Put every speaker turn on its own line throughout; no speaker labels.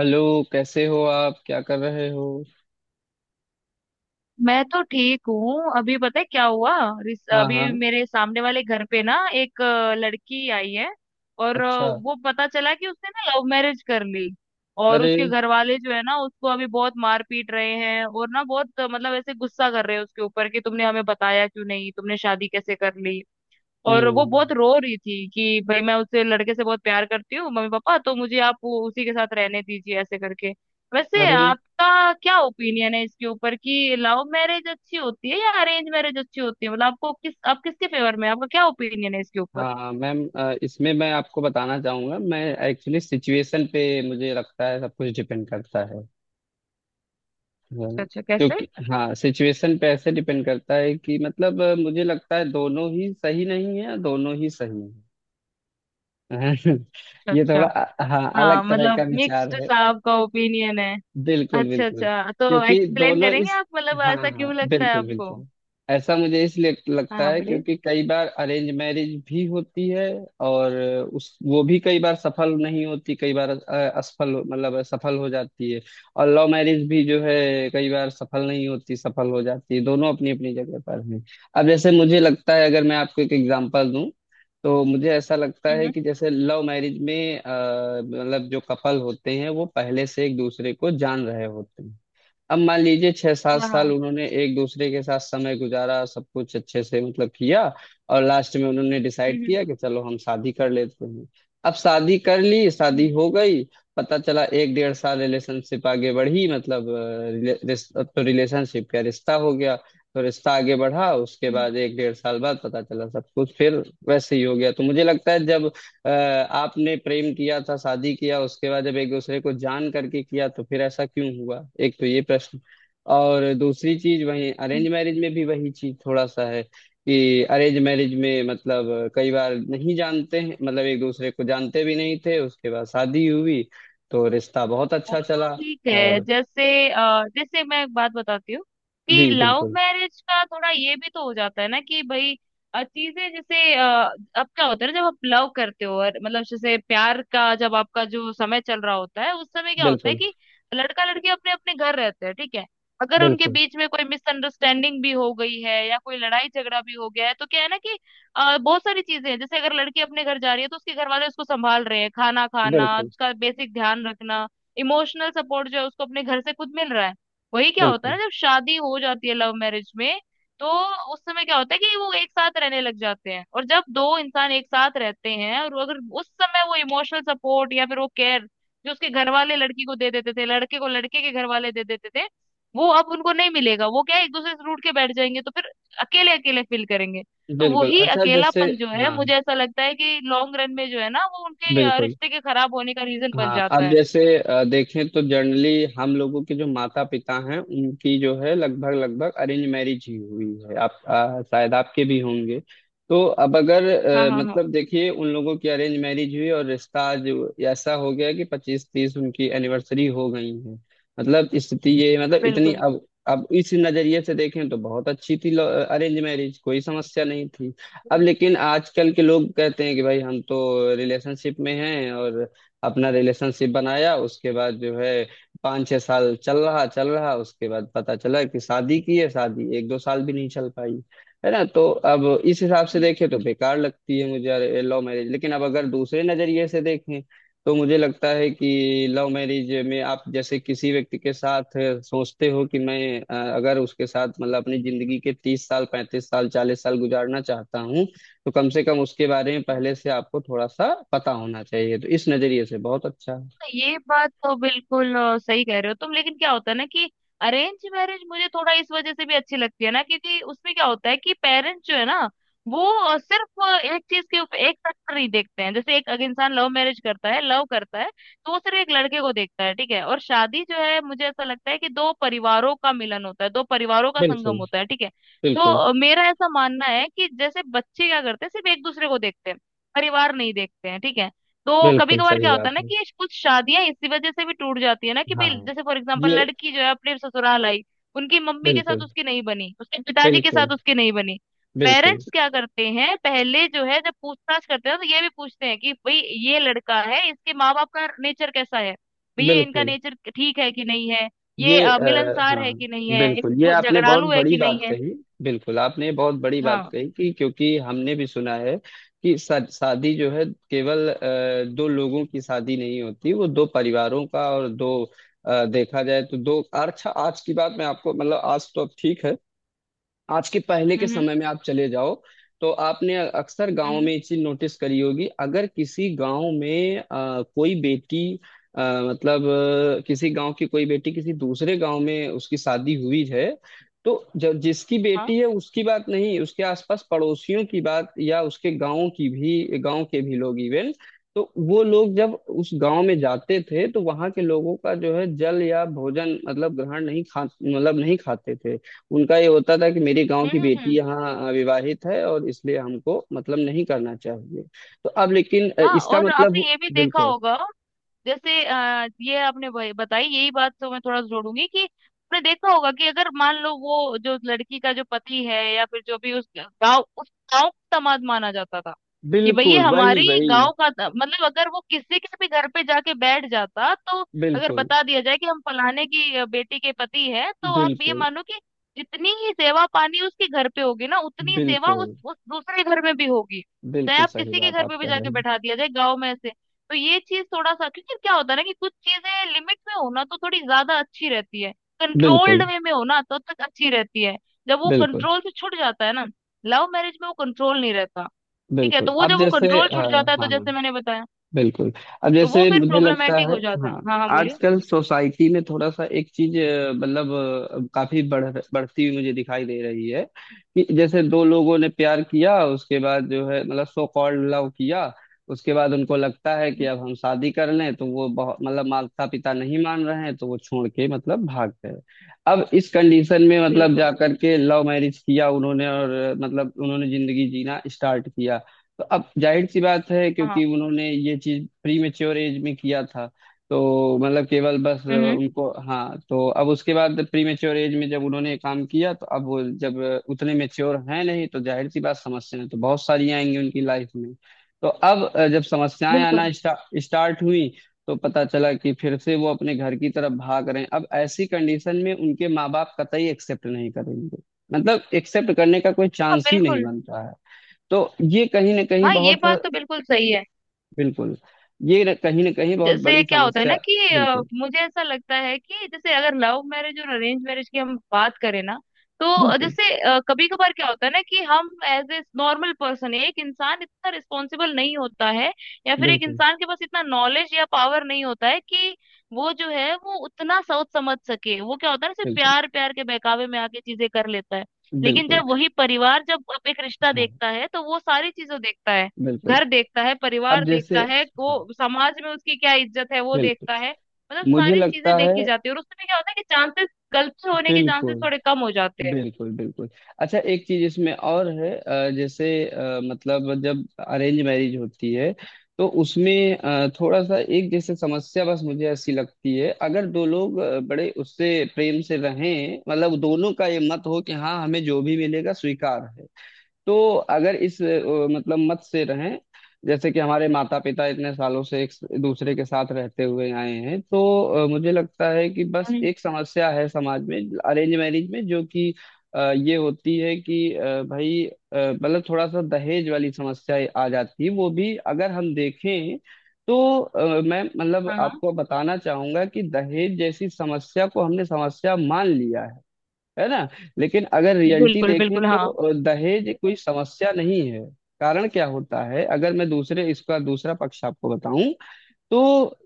Hello, कैसे हो आप? क्या कर रहे हो?
मैं तो ठीक हूँ। अभी पता है क्या हुआ?
हाँ
अभी
हाँ।
मेरे सामने वाले घर पे ना एक लड़की आई है। और
अच्छा।
वो पता चला कि उसने ना लव मैरिज कर ली। और
अरे।
उसके घर वाले जो है ना उसको अभी बहुत मार पीट रहे हैं। और ना बहुत मतलब ऐसे गुस्सा कर रहे हैं उसके ऊपर कि तुमने हमें बताया क्यों नहीं, तुमने शादी कैसे कर ली। और वो
हम्म।
बहुत रो रही थी कि भाई मैं उससे लड़के से बहुत प्यार करती हूँ, मम्मी पापा तो मुझे आप उसी के साथ रहने दीजिए ऐसे करके। वैसे
अरे।
आपका क्या ओपिनियन है इसके ऊपर कि लव मैरिज अच्छी होती है या अरेंज मैरिज अच्छी होती है? मतलब आपको किस आप किसके फेवर में हैं? आपका क्या ओपिनियन है इसके ऊपर?
हाँ मैम, इसमें मैं आपको बताना चाहूँगा। मैं एक्चुअली सिचुएशन पे मुझे लगता है सब कुछ डिपेंड करता है। हाँ,
अच्छा अच्छा, कैसे?
क्योंकि हाँ सिचुएशन पे ऐसे डिपेंड करता है कि मतलब मुझे लगता है दोनों ही सही नहीं है, दोनों ही सही है।
अच्छा
ये थोड़ा
अच्छा।
हाँ
हाँ
अलग तरह का
मतलब
विचार
मिक्स्ड
है।
सा आपका ओपिनियन है।
बिल्कुल
अच्छा
बिल्कुल।
अच्छा, तो
क्योंकि
एक्सप्लेन
दोनों
करेंगे
इस।
आप मतलब
हाँ
ऐसा
हाँ,
क्यों लगता है
बिल्कुल
आपको?
बिल्कुल। ऐसा मुझे इसलिए लगता
हाँ
है
बोलिए।
क्योंकि कई बार अरेंज मैरिज भी होती है। और उस वो भी कई बार सफल नहीं होती, कई बार असफल मतलब सफल हो जाती है। और लव मैरिज भी जो है कई बार सफल नहीं होती, सफल हो जाती है। दोनों अपनी अपनी जगह पर हैं। अब जैसे मुझे लगता है अगर मैं आपको एक एग्जांपल दूं तो मुझे ऐसा लगता है
हम्म।
कि जैसे लव मैरिज में मतलब जो कपल होते हैं वो पहले से एक दूसरे को जान रहे होते हैं। अब मान लीजिए छह सात
हाँ
साल
हाँ।
उन्होंने एक दूसरे के साथ समय गुजारा, सब कुछ अच्छे से मतलब किया। और लास्ट में उन्होंने डिसाइड
हम्म। हम्म।
किया कि चलो हम शादी कर लेते हैं। अब शादी कर ली, शादी
हम्म।
हो गई। पता चला एक डेढ़ साल रिलेशनशिप आगे बढ़ी, मतलब अब तो रिलेशनशिप क्या रिश्ता हो गया। तो रिश्ता आगे बढ़ा, उसके
हम्म।
बाद एक डेढ़ साल बाद पता चला सब कुछ फिर वैसे ही हो गया। तो मुझे लगता है जब आपने प्रेम किया था, शादी किया, उसके बाद जब एक दूसरे को जान करके किया तो फिर ऐसा क्यों हुआ? एक तो ये प्रश्न। और दूसरी चीज वही
हम्म।
अरेंज मैरिज में भी वही चीज थोड़ा सा है कि अरेंज मैरिज में मतलब कई बार नहीं जानते हैं, मतलब एक दूसरे को जानते भी नहीं थे, उसके बाद शादी हुई। तो रिश्ता बहुत
वो
अच्छा
तो
चला।
ठीक है।
और
जैसे जैसे मैं एक बात बताती हूँ कि
जी
लव
बिल्कुल
मैरिज का थोड़ा ये भी तो हो जाता है ना कि भाई अ, चीजें जैसे अ, अब क्या होता है ना, जब आप लव करते हो और मतलब जैसे प्यार का जब आपका जो समय चल रहा होता है, उस समय क्या होता है
बिल्कुल।
कि लड़का लड़की अपने अपने घर रहते हैं ठीक है। अगर उनके
बिल्कुल
बीच में कोई मिसअंडरस्टैंडिंग भी हो गई है या कोई लड़ाई झगड़ा भी हो गया है तो क्या है ना कि बहुत सारी चीजें हैं। जैसे अगर लड़की अपने घर जा रही है तो उसके घर वाले उसको संभाल रहे हैं, खाना खाना,
बिल्कुल।
उसका बेसिक ध्यान रखना, इमोशनल सपोर्ट जो है उसको अपने घर से खुद मिल रहा है। वही क्या होता है
बिल्कुल
ना जब शादी हो जाती है लव मैरिज में, तो उस समय क्या होता है कि वो एक साथ रहने लग जाते हैं। और जब दो इंसान एक साथ रहते हैं और अगर उस समय वो इमोशनल सपोर्ट या फिर वो केयर जो उसके घर वाले लड़की को दे देते थे, लड़के को लड़के के घर वाले दे देते थे, वो अब उनको नहीं मिलेगा, वो क्या है, एक दूसरे से रूठ के बैठ जाएंगे तो फिर अकेले अकेले फील करेंगे। तो
बिल्कुल।
वही
अच्छा जैसे।
अकेलापन जो है
हाँ
मुझे ऐसा लगता है कि लॉन्ग रन में जो है ना वो उनके
बिल्कुल।
रिश्ते के खराब होने का रीजन बन
हाँ
जाता
अब
है।
जैसे देखें तो जनरली हम लोगों के जो माता पिता हैं उनकी जो है लगभग लगभग अरेंज मैरिज ही हुई है। आप शायद, आपके भी होंगे। तो अब अगर
हाँ हाँ हाँ,
मतलब देखिए, उन लोगों की अरेंज मैरिज हुई और रिश्ता आज ऐसा हो गया कि 25-30 उनकी एनिवर्सरी हो गई है। मतलब स्थिति ये, मतलब इतनी
बिल्कुल।
अब। अब इस नजरिए से देखें तो बहुत अच्छी थी अरेंज मैरिज, कोई समस्या नहीं थी। अब
हम्म।
लेकिन आजकल के लोग कहते हैं कि भाई हम तो रिलेशनशिप में हैं और अपना रिलेशनशिप बनाया, उसके बाद जो है 5-6 साल चल रहा, उसके बाद पता चला कि शादी की है। शादी 1-2 साल भी नहीं चल पाई। है ना? तो अब इस हिसाब से
हम्म।
देखें तो बेकार लगती है मुझे लव मैरिज, लेकिन अब अगर दूसरे नजरिए से देखें तो मुझे लगता है कि लव मैरिज में आप जैसे किसी व्यक्ति के साथ सोचते हो कि मैं अगर उसके साथ मतलब अपनी जिंदगी के 30 साल, 35 साल, 40 साल गुजारना चाहता हूँ, तो कम से कम उसके बारे में पहले से आपको थोड़ा सा पता होना चाहिए। तो इस नजरिए से बहुत अच्छा है।
ये बात तो बिल्कुल सही कह रहे हो तुम, लेकिन क्या होता है ना कि अरेंज मैरिज मुझे थोड़ा इस वजह से भी अच्छी लगती है ना, क्योंकि उसमें क्या होता है कि पेरेंट्स जो है ना वो सिर्फ एक चीज के ऊपर, एक फैक्टर नहीं देखते हैं। जैसे एक अगर इंसान लव मैरिज करता है, लव करता है, तो वो सिर्फ एक लड़के को देखता है ठीक है। और शादी जो है मुझे ऐसा लगता है कि दो परिवारों का मिलन होता है, दो परिवारों का संगम
बिल्कुल
होता है ठीक है। तो
बिल्कुल।
मेरा ऐसा मानना है कि जैसे बच्चे क्या करते हैं, सिर्फ एक दूसरे को देखते हैं, परिवार नहीं देखते हैं ठीक है। तो कभी
बिल्कुल
कभार
सही
क्या होता
बात
है ना
है।
कि कुछ शादियां इसी वजह से भी टूट जाती है ना कि भाई
हाँ
जैसे फॉर एग्जांपल,
ये
लड़की जो है अपने ससुराल आई, उनकी मम्मी के साथ
बिल्कुल
उसकी नहीं बनी, उसके पिताजी के
बिल्कुल।
साथ उसकी नहीं बनी।
बिल्कुल
पेरेंट्स क्या करते हैं पहले जो है जब पूछताछ करते हैं तो ये भी पूछते हैं कि भाई ये लड़का है, इसके माँ बाप का नेचर कैसा है, भाई ये इनका
बिल्कुल।
नेचर ठीक है कि नहीं है, ये मिलनसार है
हाँ
कि नहीं है, ये
बिल्कुल, ये आपने बहुत
झगड़ालू है
बड़ी
कि नहीं
बात
है।
कही। बिल्कुल आपने बहुत बड़ी बात
हाँ।
कही कि क्योंकि हमने भी सुना है कि शादी जो है केवल दो लोगों की शादी नहीं होती, वो दो परिवारों का और दो देखा जाए तो दो अच्छा। आज की बात मैं आपको मतलब आज तो अब ठीक है। आज के पहले के
हम्म।
समय में आप चले जाओ तो आपने अक्सर
हम्म।
गांव में ये चीज नोटिस करी होगी। अगर किसी गांव में कोई बेटी, अ, मतलब किसी गांव की कोई बेटी किसी दूसरे गांव में उसकी शादी हुई है, तो जब जिसकी
हाँ।
बेटी है उसकी बात नहीं, उसके आसपास पड़ोसियों की बात या उसके गांव की भी, गांव के भी लोग इवन, तो वो लोग जब उस गांव में जाते थे तो वहां के लोगों का जो है जल या भोजन मतलब ग्रहण नहीं, खा मतलब नहीं खाते थे। उनका ये होता था कि मेरे गांव
हम्म।
की
हम्म।
बेटी
हम्म।
यहाँ विवाहित है और इसलिए हमको मतलब नहीं करना चाहिए। तो अब लेकिन
हाँ,
इसका
और आपने
मतलब
ये भी देखा
बिल्कुल
होगा। जैसे ये आपने भाई बताई यही बात, तो मैं थोड़ा जोड़ूंगी कि आपने देखा होगा कि अगर मान लो वो जो लड़की का जो पति है या फिर जो भी उस गांव, उस गांव का दामाद माना जाता था कि भाई ये
बिल्कुल। वही
हमारे ही
वही।
गांव का मतलब अगर वो किसी के भी घर पे जाके बैठ जाता तो अगर
बिल्कुल
बता दिया जाए कि हम फलाने की बेटी के पति है, तो आप ये
बिल्कुल।
मानो कि जितनी ही सेवा पानी उसके घर पे होगी ना, उतनी ही सेवा उस
बिल्कुल
उस दूसरे घर में भी होगी। चाहे
बिल्कुल
आप
सही
किसी के
बात
घर
आप
पे भी
कह रहे
जाके
हैं।
बैठा दिया जाए गांव में ऐसे। तो ये चीज थोड़ा सा, क्योंकि क्या होता है ना कि कुछ चीजें लिमिट में हो ना तो थोड़ी ज्यादा अच्छी रहती है, कंट्रोल्ड
बिल्कुल
वे में हो ना तो तब तक अच्छी रहती है। जब वो
बिल्कुल
कंट्रोल से छूट जाता है ना, लव मैरिज में वो कंट्रोल नहीं रहता, ठीक है,
बिल्कुल।
तो वो
अब
जब वो
जैसे
कंट्रोल छूट जाता है तो
हाँ
जैसे मैंने बताया
बिल्कुल। अब
तो वो
जैसे
फिर
मुझे लगता
प्रॉब्लमेटिक
है
हो जाता है।
हाँ,
हाँ हाँ बोलिए।
आजकल सोसाइटी में थोड़ा सा एक चीज मतलब काफी बढ़ती हुई मुझे दिखाई दे रही है कि जैसे दो लोगों ने प्यार किया, उसके बाद जो है मतलब सो कॉल्ड लव किया, उसके बाद उनको लगता है कि
हम्म।
अब हम शादी कर लें, तो वो बहुत मतलब माता पिता नहीं मान रहे हैं तो वो छोड़ के मतलब भाग गए। अब इस कंडीशन में मतलब जा
बिल्कुल।
करके लव मैरिज किया उन्होंने और मतलब उन्होंने जिंदगी जीना स्टार्ट किया। तो अब जाहिर सी बात है
हाँ।
क्योंकि उन्होंने ये चीज प्री मेच्योर एज में किया था, तो मतलब केवल बस
हम्म।
उनको हाँ। तो अब उसके बाद प्री मेच्योर एज में जब उन्होंने ये काम किया, तो अब वो जब उतने मेच्योर हैं नहीं तो जाहिर सी बात, समस्याएं तो बहुत सारी आएंगी उनकी लाइफ में। तो अब जब समस्याएं आना
बिल्कुल।
स्टार्ट हुई तो पता चला कि फिर से वो अपने घर की तरफ भाग रहे हैं। अब ऐसी कंडीशन में उनके माँ बाप कतई एक्सेप्ट नहीं करेंगे, मतलब एक्सेप्ट करने का कोई
हाँ,
चांस ही नहीं
बिल्कुल।
बनता है। तो ये कहीं ना कहीं
हाँ ये
बहुत,
बात तो बिल्कुल सही है।
बिल्कुल, ये न- कहीं ना कहीं बहुत
जैसे
बड़ी
क्या होता है ना
समस्या।
कि
बिल्कुल
मुझे ऐसा लगता है कि जैसे अगर लव मैरिज और अरेंज मैरिज की हम बात करें ना, तो
बिल्कुल।
जैसे कभी कभार क्या होता है ना कि हम एज ए नॉर्मल पर्सन, एक इंसान इतना रिस्पॉन्सिबल नहीं होता है, या फिर एक
बिल्कुल
इंसान के पास इतना नॉलेज या पावर नहीं होता है कि वो जो है वो उतना सोच समझ सके। वो क्या होता है ना सिर्फ
बिल्कुल।
प्यार, प्यार के बहकावे में आके चीजें कर लेता है। लेकिन
बिल्कुल।
जब वही परिवार जब एक रिश्ता
हाँ
देखता है तो वो सारी चीजें देखता है,
बिल्कुल।
घर देखता है, परिवार
अब जैसे
देखता है,
हाँ
वो समाज में उसकी क्या इज्जत है वो
बिल्कुल
देखता है, मतलब
मुझे
सारी चीजें
लगता
देखी
है।
जाती है। और उसमें क्या होता है कि चांसेस गलत से होने के चांसेस
बिल्कुल
थोड़े कम हो जाते हैं।
बिल्कुल बिल्कुल। अच्छा एक चीज इसमें और है, जैसे मतलब जब अरेंज मैरिज होती है तो उसमें थोड़ा सा एक जैसे समस्या बस मुझे ऐसी लगती है, अगर दो लोग बड़े उससे प्रेम से रहें, मतलब दोनों का ये मत हो कि हाँ, हमें जो भी मिलेगा स्वीकार है। तो अगर इस मतलब मत से रहें जैसे कि हमारे माता पिता इतने सालों से एक दूसरे के साथ रहते हुए आए हैं, तो मुझे लगता है कि बस
हम्म।
एक समस्या है समाज में अरेंज मैरिज में, जो कि ये होती है कि भाई मतलब थोड़ा सा दहेज वाली समस्या आ जाती है। वो भी अगर हम देखें, तो मैं मतलब
हाँ हाँ,
आपको बताना चाहूंगा कि दहेज जैसी समस्या को हमने समस्या मान लिया है ना? लेकिन अगर रियलिटी
बिल्कुल।
देखें
बिल्कुल।
तो
हाँ।
दहेज कोई समस्या नहीं है। कारण क्या होता है, अगर मैं दूसरे, इसका दूसरा पक्ष आपको बताऊं, तो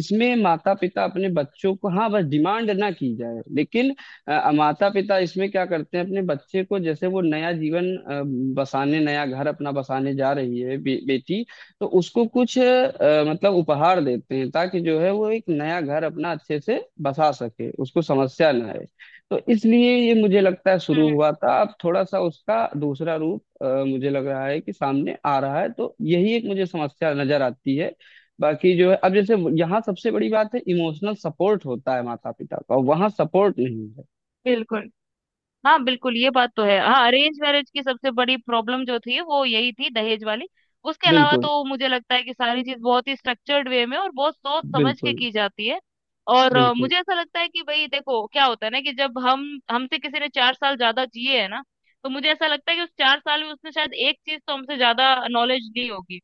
इसमें माता पिता अपने बच्चों को, हाँ बस डिमांड ना की जाए लेकिन माता पिता इसमें क्या करते हैं अपने बच्चे को, जैसे वो नया जीवन बसाने, नया घर अपना बसाने जा रही है बेटी, तो उसको कुछ मतलब उपहार देते हैं ताकि जो है वो एक नया घर अपना अच्छे से बसा सके, उसको समस्या ना आए। तो इसलिए ये मुझे लगता है शुरू
हम्म।
हुआ था। अब थोड़ा सा उसका दूसरा रूप मुझे लग रहा है कि सामने आ रहा है, तो यही एक मुझे समस्या नजर आती है। बाकी जो है अब जैसे यहाँ सबसे बड़ी बात है इमोशनल सपोर्ट होता है माता पिता का, वहाँ सपोर्ट नहीं है।
बिल्कुल। हाँ, बिल्कुल ये बात तो है। हाँ अरेंज मैरिज की सबसे बड़ी प्रॉब्लम जो थी वो यही थी, दहेज वाली। उसके अलावा
बिल्कुल
तो मुझे लगता है कि सारी चीज बहुत ही स्ट्रक्चर्ड वे में और बहुत सोच समझ के
बिल्कुल।
की जाती है। और
बिल्कुल
मुझे ऐसा लगता है कि भाई देखो, क्या होता है ना कि जब हम, हमसे किसी ने 4 साल ज्यादा जिए है ना, तो मुझे ऐसा लगता है कि उस 4 साल में उसने शायद एक चीज तो हमसे ज्यादा नॉलेज ली होगी।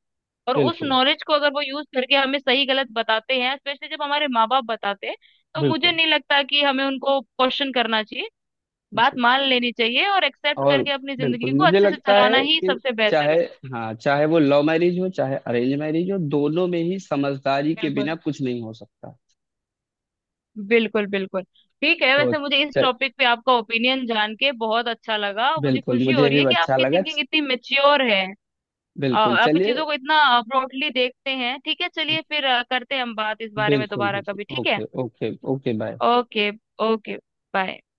और उस
बिल्कुल।
नॉलेज को अगर वो यूज करके हमें सही गलत बताते हैं, स्पेशली जब हमारे माँ बाप बताते हैं, तो मुझे
बिल्कुल
नहीं लगता कि हमें उनको क्वेश्चन करना चाहिए, बात
बिल्कुल
मान लेनी चाहिए और एक्सेप्ट
और
करके अपनी
बिल्कुल
जिंदगी को
मुझे
अच्छे से
लगता
चलाना
है
ही
कि
सबसे बेहतर
चाहे,
है।
हाँ, चाहे वो लव मैरिज हो, चाहे अरेंज मैरिज हो, दोनों में ही समझदारी के बिना
बिल्कुल।
कुछ नहीं हो सकता।
बिल्कुल बिल्कुल। ठीक है,
तो
वैसे मुझे इस
चल
टॉपिक पे आपका ओपिनियन जान के बहुत अच्छा लगा और मुझे
बिल्कुल
खुशी हो
मुझे भी
रही है कि
अच्छा
आपकी
लगा।
थिंकिंग इतनी मेच्योर है।
बिल्कुल
आप
चलिए।
चीजों को इतना ब्रॉडली देखते हैं, ठीक है, चलिए फिर करते हैं हम बात इस बारे में
बिल्कुल
दोबारा कभी,
बिल्कुल।
ठीक है।
Okay okay okay bye.
Okay okay bye.